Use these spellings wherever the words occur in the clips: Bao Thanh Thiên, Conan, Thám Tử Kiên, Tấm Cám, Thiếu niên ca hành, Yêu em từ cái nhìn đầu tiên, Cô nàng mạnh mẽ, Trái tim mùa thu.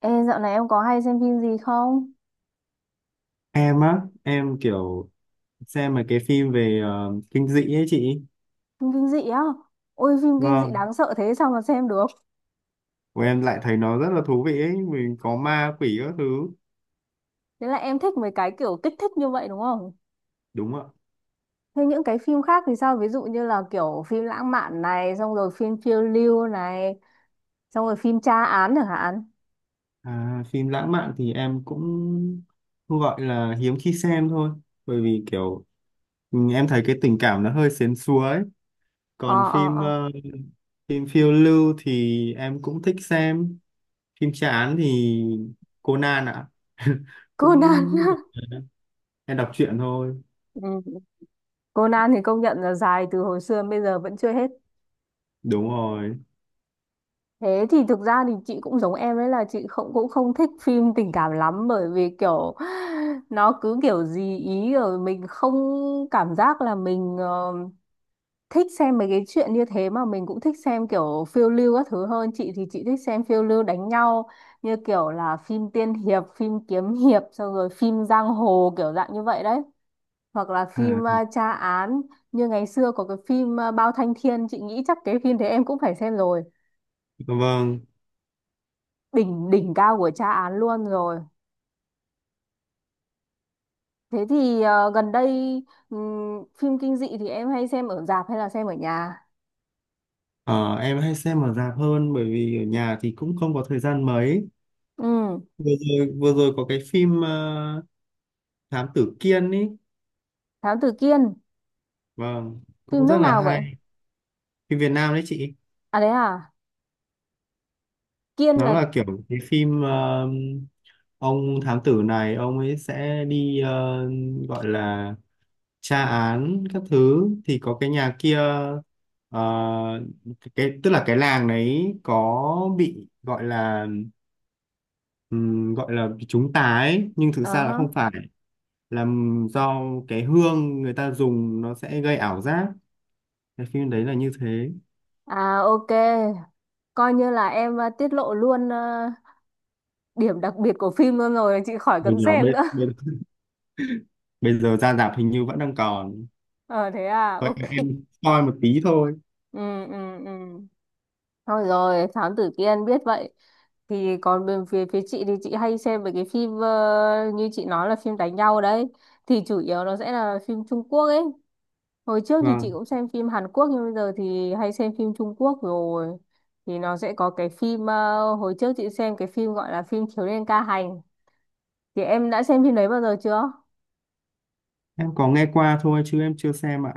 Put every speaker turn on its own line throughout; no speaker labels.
Ê, dạo này em có hay xem phim gì không?
Em á, em kiểu xem mà cái phim về kinh dị ấy chị.
Phim kinh dị á? Ôi phim kinh dị
Vâng,
đáng sợ thế sao mà xem được?
của em lại thấy nó rất là thú vị ấy, mình có ma quỷ các thứ.
Thế là em thích mấy cái kiểu kích thích như vậy đúng không?
Đúng ạ.
Thế những cái phim khác thì sao? Ví dụ như là kiểu phim lãng mạn này, xong rồi phim phiêu lưu này, xong rồi phim tra án chẳng hạn.
À, phim lãng mạn thì em cũng cũng gọi là hiếm khi xem thôi, bởi vì kiểu em thấy cái tình cảm nó hơi sến súa ấy.
Ờ
Còn
ờ
phim
ờ.
phim phiêu lưu thì em cũng thích xem. Phim chán thì Conan ạ.
Conan.
Cũng em đọc truyện thôi.
Ừ. Conan thì công nhận là dài từ hồi xưa đến bây giờ vẫn chưa hết.
Đúng rồi.
Thế thì thực ra thì chị cũng giống em ấy là chị không cũng không thích phim tình cảm lắm, bởi vì kiểu nó cứ kiểu gì ý rồi mình không cảm giác là mình thích xem mấy cái chuyện như thế, mà mình cũng thích xem kiểu phiêu lưu các thứ hơn. Chị thì chị thích xem phiêu lưu đánh nhau, như kiểu là phim tiên hiệp, phim kiếm hiệp, xong rồi phim giang hồ kiểu dạng như vậy đấy. Hoặc là
À,
phim tra án, như ngày xưa có cái phim Bao Thanh Thiên, chị nghĩ chắc cái phim thế em cũng phải xem rồi.
vâng.
Đỉnh đỉnh cao của tra án luôn rồi. Thế thì gần đây, phim kinh dị thì em hay xem ở rạp hay là xem ở nhà?
Ờ, em hay xem ở rạp hơn, bởi vì ở nhà thì cũng không có thời gian mấy.
Ừ.
Vừa vừa rồi có cái phim Thám Tử Kiên ý,
Thám Tử Kiên.
vâng,
Phim
cũng rất
nước
là
nào vậy?
hay. Phim Việt Nam đấy chị.
À đấy à. Kiên
Nó
là.
là kiểu cái phim ông thám tử này, ông ấy sẽ đi gọi là tra án các thứ. Thì có cái nhà kia, ờ, cái, tức là cái làng đấy có bị gọi là bị chúng ta ấy, nhưng thực
Ờ
ra là
hả.
không phải, là do cái hương người ta dùng nó sẽ gây ảo giác. Cái phim đấy là như thế.
À ok, coi như là em tiết lộ luôn điểm đặc biệt của phim luôn rồi, chị khỏi
Hồi
cần
nhỏ
xem
bây,
nữa.
bây, bây giờ ra rạp hình như vẫn đang còn.
Ờ thế à.
Vậy
Ok.
em coi một tí thôi.
Ừ ừ ừ. Thôi rồi, Thám Tử Kiên biết vậy. Thì còn bên phía phía chị thì chị hay xem mấy cái phim như chị nói là phim đánh nhau đấy. Thì chủ yếu nó sẽ là phim Trung Quốc ấy. Hồi trước thì chị
Vâng.
cũng xem phim Hàn Quốc nhưng bây giờ thì hay xem phim Trung Quốc rồi. Thì nó sẽ có cái phim hồi trước chị xem cái phim gọi là phim Thiếu niên ca hành. Thì em đã xem phim đấy bao giờ chưa?
Em có nghe qua thôi chứ em chưa xem ạ.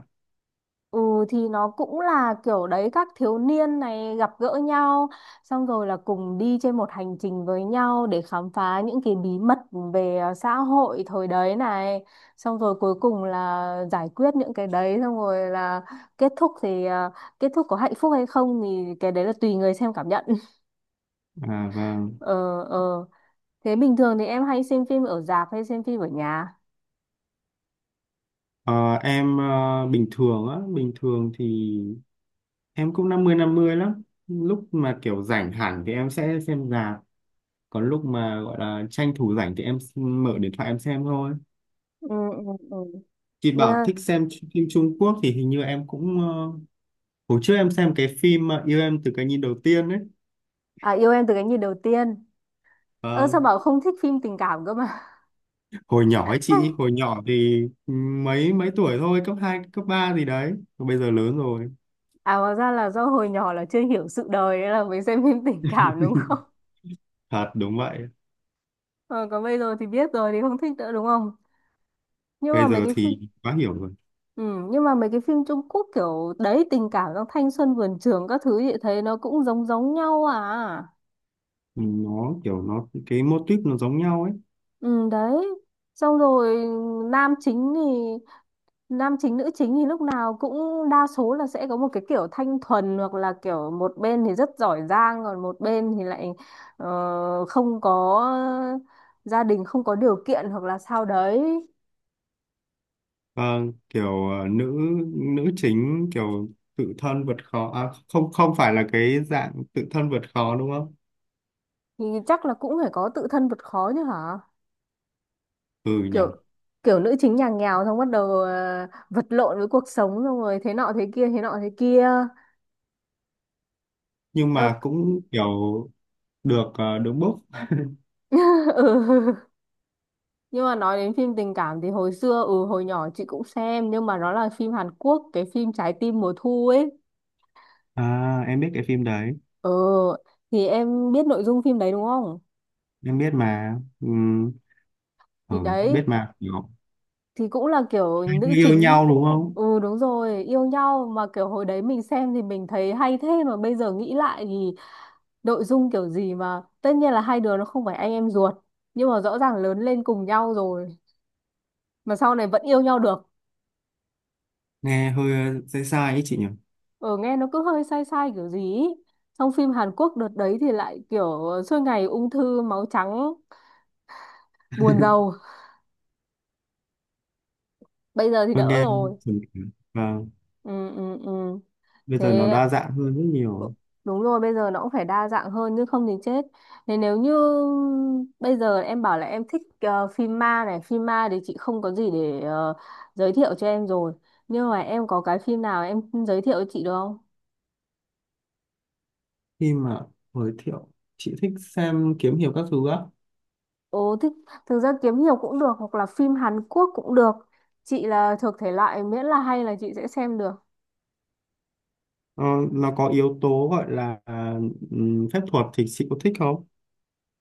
Ừ, thì nó cũng là kiểu đấy, các thiếu niên này gặp gỡ nhau, xong rồi là cùng đi trên một hành trình với nhau để khám phá những cái bí mật về xã hội thời đấy này. Xong rồi cuối cùng là giải quyết những cái đấy, xong rồi là kết thúc thì kết thúc có hạnh phúc hay không thì cái đấy là tùy người xem cảm nhận.
À vâng.
Ờ. Ờ, thế bình thường thì em hay xem phim ở rạp hay xem phim ở nhà?
Ờ, em bình thường á, bình thường thì em cũng 50/50, lắm lúc mà kiểu rảnh hẳn thì em sẽ xem rạp, còn lúc mà gọi là tranh thủ rảnh thì mở điện thoại em xem thôi.
Ừ ừ ừ.
Chị bảo
Yeah.
thích xem phim Trung Quốc thì hình như em cũng hồi trước em xem cái phim mà Yêu em từ cái nhìn đầu tiên ấy.
À yêu em từ cái nhìn đầu tiên. Ơ
Ờ,
sao bảo không thích phim tình cảm cơ mà.
hồi nhỏ ấy chị, hồi nhỏ thì mấy mấy tuổi thôi, cấp 2 cấp 3 gì đấy. Còn bây giờ lớn rồi.
À hóa ra là do hồi nhỏ là chưa hiểu sự đời nên là mới xem phim tình cảm đúng không?
Thật đúng vậy.
Ờ, còn bây giờ thì biết rồi thì không thích nữa đúng không? Nhưng mà
Bây
mấy
giờ
cái phim
thì quá hiểu rồi.
ừ, nhưng mà mấy cái phim Trung Quốc kiểu đấy tình cảm trong thanh xuân vườn trường các thứ vậy thấy nó cũng giống giống nhau à.
Nó kiểu nó cái mô típ nó giống nhau ấy.
Ừ đấy. Xong rồi nam chính thì nam chính nữ chính thì lúc nào cũng đa số là sẽ có một cái kiểu thanh thuần, hoặc là kiểu một bên thì rất giỏi giang còn một bên thì lại không có gia đình, không có điều kiện hoặc là sao đấy.
Ờ, kiểu nữ nữ chính kiểu tự thân vượt khó, không, không phải là cái dạng tự thân vượt khó đúng không?
Thì chắc là cũng phải có tự thân vượt khó chứ hả.
Ừ nhỉ.
Kiểu kiểu nữ chính nhà nghèo, xong bắt đầu vật lộn với cuộc sống, xong rồi thế nọ thế kia, thế nọ thế kia.
Nhưng mà
Eo-
cũng kiểu được, đúng book.
ừ. Nhưng mà nói đến phim tình cảm thì hồi xưa, hồi nhỏ chị cũng xem, nhưng mà nó là phim Hàn Quốc, cái phim Trái tim mùa thu ấy.
À, em biết cái phim đấy.
Ừ, thì em biết nội dung phim đấy đúng không?
Em biết mà ừ,
Thì đấy,
biết mà kiểu
thì cũng là kiểu
hai đứa
nữ
yêu
chính.
nhau đúng không?
Ừ đúng rồi, yêu nhau mà kiểu hồi đấy mình xem thì mình thấy hay, thế mà bây giờ nghĩ lại thì nội dung kiểu gì mà tất nhiên là hai đứa nó không phải anh em ruột, nhưng mà rõ ràng lớn lên cùng nhau rồi mà sau này vẫn yêu nhau được.
Nghe hơi sai sai ấy chị nhỉ.
Ở nghe nó cứ hơi sai sai kiểu gì ý. Trong phim Hàn Quốc đợt đấy thì lại kiểu suốt ngày ung thư máu trắng, buồn rầu. Bây giờ thì
Hơi
đỡ
nghe,
rồi.
và
Ừ ừ ừ.
bây giờ nó
Thế.
đa dạng hơn rất
Ừ,
nhiều.
đúng rồi, bây giờ nó cũng phải đa dạng hơn chứ không thì chết. Thế nếu như bây giờ em bảo là em thích phim ma này, phim ma thì chị không có gì để giới thiệu cho em rồi, nhưng mà em có cái phim nào em giới thiệu cho chị được không?
Khi mà giới thiệu, chị thích xem kiếm hiệp các thứ á?
Ồ, thích. Thực ra kiếm nhiều cũng được hoặc là phim Hàn Quốc cũng được. Chị là thuộc thể loại miễn là hay là chị sẽ xem được.
ờ, nó có yếu tố gọi là phép thuật thì chị có thích không?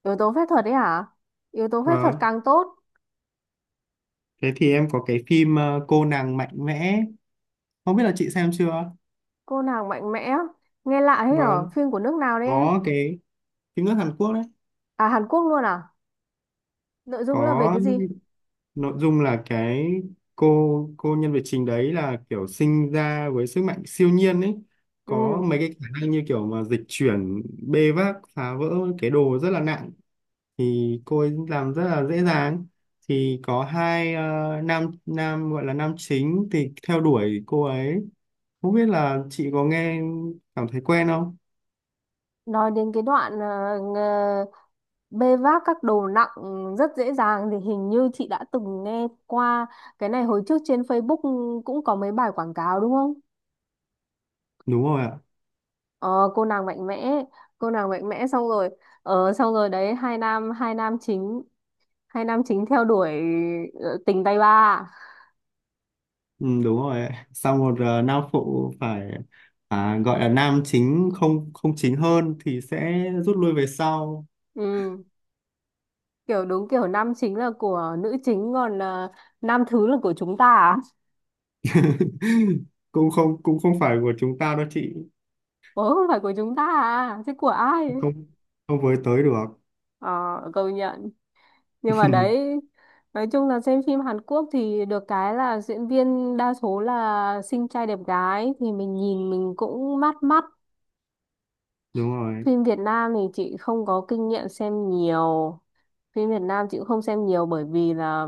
Yếu tố phép thuật đấy hả? Yếu tố phép thuật
Vâng,
càng tốt.
thế thì em có cái phim cô nàng mạnh mẽ, không biết là chị xem chưa.
Cô nàng mạnh mẽ. Nghe lạ thế, ở
Vâng,
phim của nước nào đấy em?
có cái phim nước Hàn Quốc đấy.
À Hàn Quốc luôn à? Nội dung là về
Có,
cái gì?
nội dung là cái cô nhân vật chính đấy là kiểu sinh ra với sức mạnh siêu nhiên ấy, có
Ừ,
mấy cái khả năng như kiểu mà dịch chuyển, bê vác phá vỡ cái đồ rất là nặng thì cô ấy làm rất là dễ dàng. Thì có hai nam nam gọi là nam chính thì theo đuổi cô ấy. Không biết là chị có nghe, cảm thấy quen không?
nói đến cái đoạn bê vác các đồ nặng rất dễ dàng thì hình như chị đã từng nghe qua cái này hồi trước trên Facebook cũng có mấy bài quảng cáo đúng không?
Đúng rồi ạ.
Ờ, cô nàng mạnh mẽ, cô nàng mạnh mẽ, xong rồi xong rồi đấy, hai nam chính theo đuổi tình tay ba.
Ừ, đúng rồi ấy. Sau một nam phụ phải, gọi là nam chính không, không chính hơn thì sẽ rút lui về sau.
Ừ, kiểu đúng kiểu nam chính là của nữ chính, còn nam thứ là của chúng ta à?
Cũng không phải của chúng ta đâu chị,
Ủa không phải của chúng ta à, chứ của ai?
không không với tới được.
Ờ, công nhận. Nhưng mà đấy, nói chung là xem phim Hàn Quốc thì được cái là diễn viên đa số là xinh trai đẹp gái thì mình nhìn mình cũng mát mắt.
Đúng rồi.
Phim Việt Nam thì chị không có kinh nghiệm xem nhiều. Phim Việt Nam chị cũng không xem nhiều bởi vì là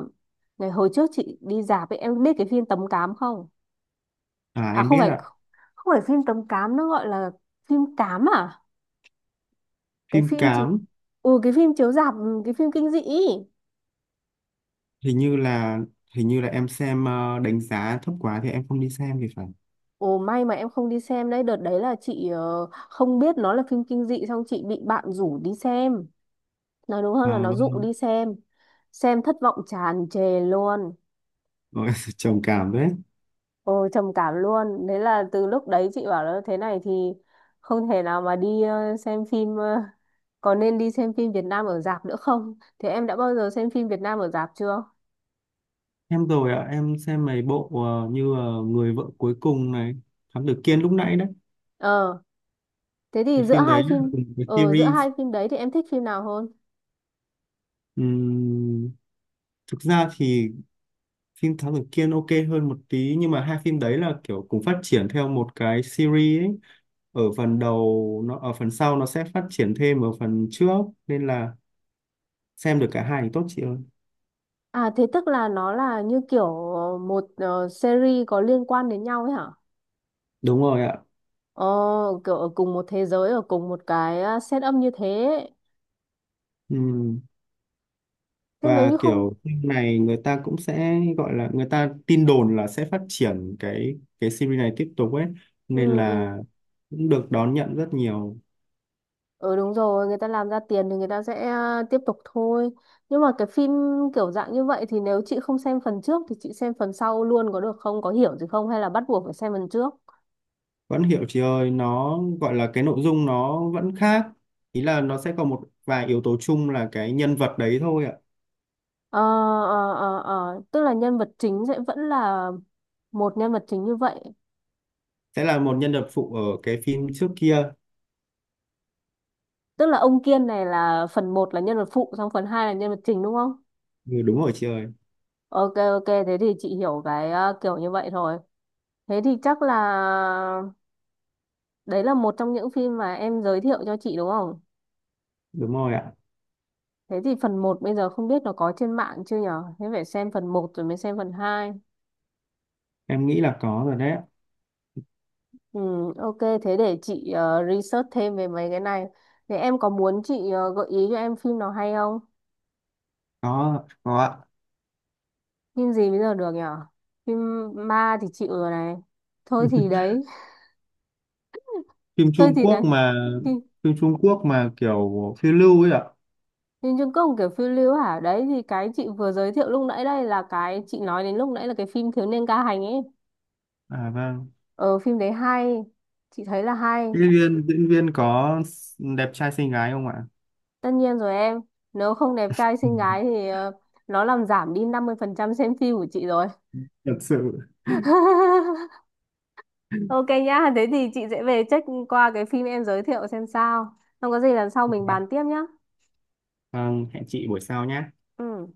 ngày hồi trước chị đi rạp ấy, em biết cái phim Tấm Cám không?
À
À
em
không
biết
phải,
ạ.
không phải phim Tấm Cám, nó gọi là phim Cám à? Cái
Phim
phim chiếu.
Cám.
Ừ cái phim chiếu rạp, cái phim kinh dị ý.
Hình như là, hình như là em xem đánh giá thấp quá thì em không đi xem thì phải.
Ồ may mà em không đi xem đấy, đợt đấy là chị không biết nó là phim kinh dị xong chị bị bạn rủ đi xem. Nói đúng hơn là
À,
nó
vâng.
dụ đi xem. Xem thất vọng tràn trề luôn.
Ôi, trầm cảm đấy.
Ồ, trầm cảm luôn. Đấy là từ lúc đấy chị bảo là thế này thì không thể nào mà đi xem phim có nên đi xem phim Việt Nam ở rạp nữa không? Thế em đã bao giờ xem phim Việt Nam ở rạp chưa?
Em rồi ạ, em xem mấy bộ như Người vợ cuối cùng này, Thám Tử Kiên lúc nãy đấy.
Ờ, thế thì
Cái
giữa
phim
hai
đấy là
phim
cùng cái
ờ giữa
series.
hai phim đấy thì em thích phim nào hơn?
Ừm, thực ra thì phim Thám Tử Kiên ok hơn một tí, nhưng mà hai phim đấy là kiểu cùng phát triển theo một cái series ấy. Ở phần đầu nó, ở phần sau nó sẽ phát triển thêm ở phần trước, nên là xem được cả hai thì tốt chị ơi.
À thế tức là nó là như kiểu một series có liên quan đến nhau ấy hả?
Đúng rồi ạ.
Ờ, kiểu ở cùng một thế giới, ở cùng một cái setup như thế.
Ừm,
Thế nếu
và
như không.
kiểu phim này người ta cũng sẽ gọi là, người ta tin đồn là sẽ phát triển cái series này tiếp tục ấy, nên
Ừ
là
ừ.
cũng được đón nhận rất nhiều.
Ừ đúng rồi, người ta làm ra tiền thì người ta sẽ tiếp tục thôi. Nhưng mà cái phim kiểu dạng như vậy thì nếu chị không xem phần trước thì chị xem phần sau luôn có được không? Có hiểu gì không? Hay là bắt buộc phải xem phần trước?
Vẫn hiểu chị ơi, nó gọi là cái nội dung nó vẫn khác, ý là nó sẽ có một vài yếu tố chung là cái nhân vật đấy thôi ạ.
Ờ, ờ, ờ, ờ. Tức là nhân vật chính sẽ vẫn là một nhân vật chính như vậy.
Sẽ là một nhân vật phụ ở cái phim trước kia.
Tức là ông Kiên này là phần một là nhân vật phụ, xong phần 2 là nhân vật chính đúng không?
Ừ, đúng rồi chị ơi.
Ok, ok, thế thì chị hiểu cái kiểu như vậy thôi. Thế thì chắc là đấy là một trong những phim mà em giới thiệu cho chị đúng không?
Đúng rồi ạ.
Thế thì phần một bây giờ không biết nó có trên mạng chưa nhở? Thế phải xem phần một rồi mới xem phần hai.
Em nghĩ là có rồi đấy ạ.
Ừ, ok, thế để chị research thêm về mấy cái này. Thế em có muốn chị gợi ý cho em phim nào hay không?
Có ạ.
Phim gì bây giờ được nhở? Phim ma thì chịu rồi này. Thôi thì đấy,
Phim
thôi
Trung
thì đấy.
Quốc mà,
Phim,
phim Trung Quốc mà kiểu phiêu lưu ấy ạ.
phim Trung Quốc kiểu phiêu lưu hả? Đấy thì cái chị vừa giới thiệu lúc nãy, đây là cái chị nói đến lúc nãy là cái phim Thiếu niên ca hành ấy.
À vâng.
Ờ, phim đấy hay, chị thấy là hay.
Diễn viên, diễn viên có đẹp trai xinh gái không ạ?
Tất nhiên rồi em, nếu không đẹp trai xinh gái thì nó làm giảm đi 50% xem phim của chị rồi.
Thật sự.
Ok nhá, thế thì chị sẽ về check qua cái phim em giới thiệu xem sao. Không có gì lần sau mình bàn tiếp nhá.
Vâng, hẹn chị buổi sau nhé.
Ừ.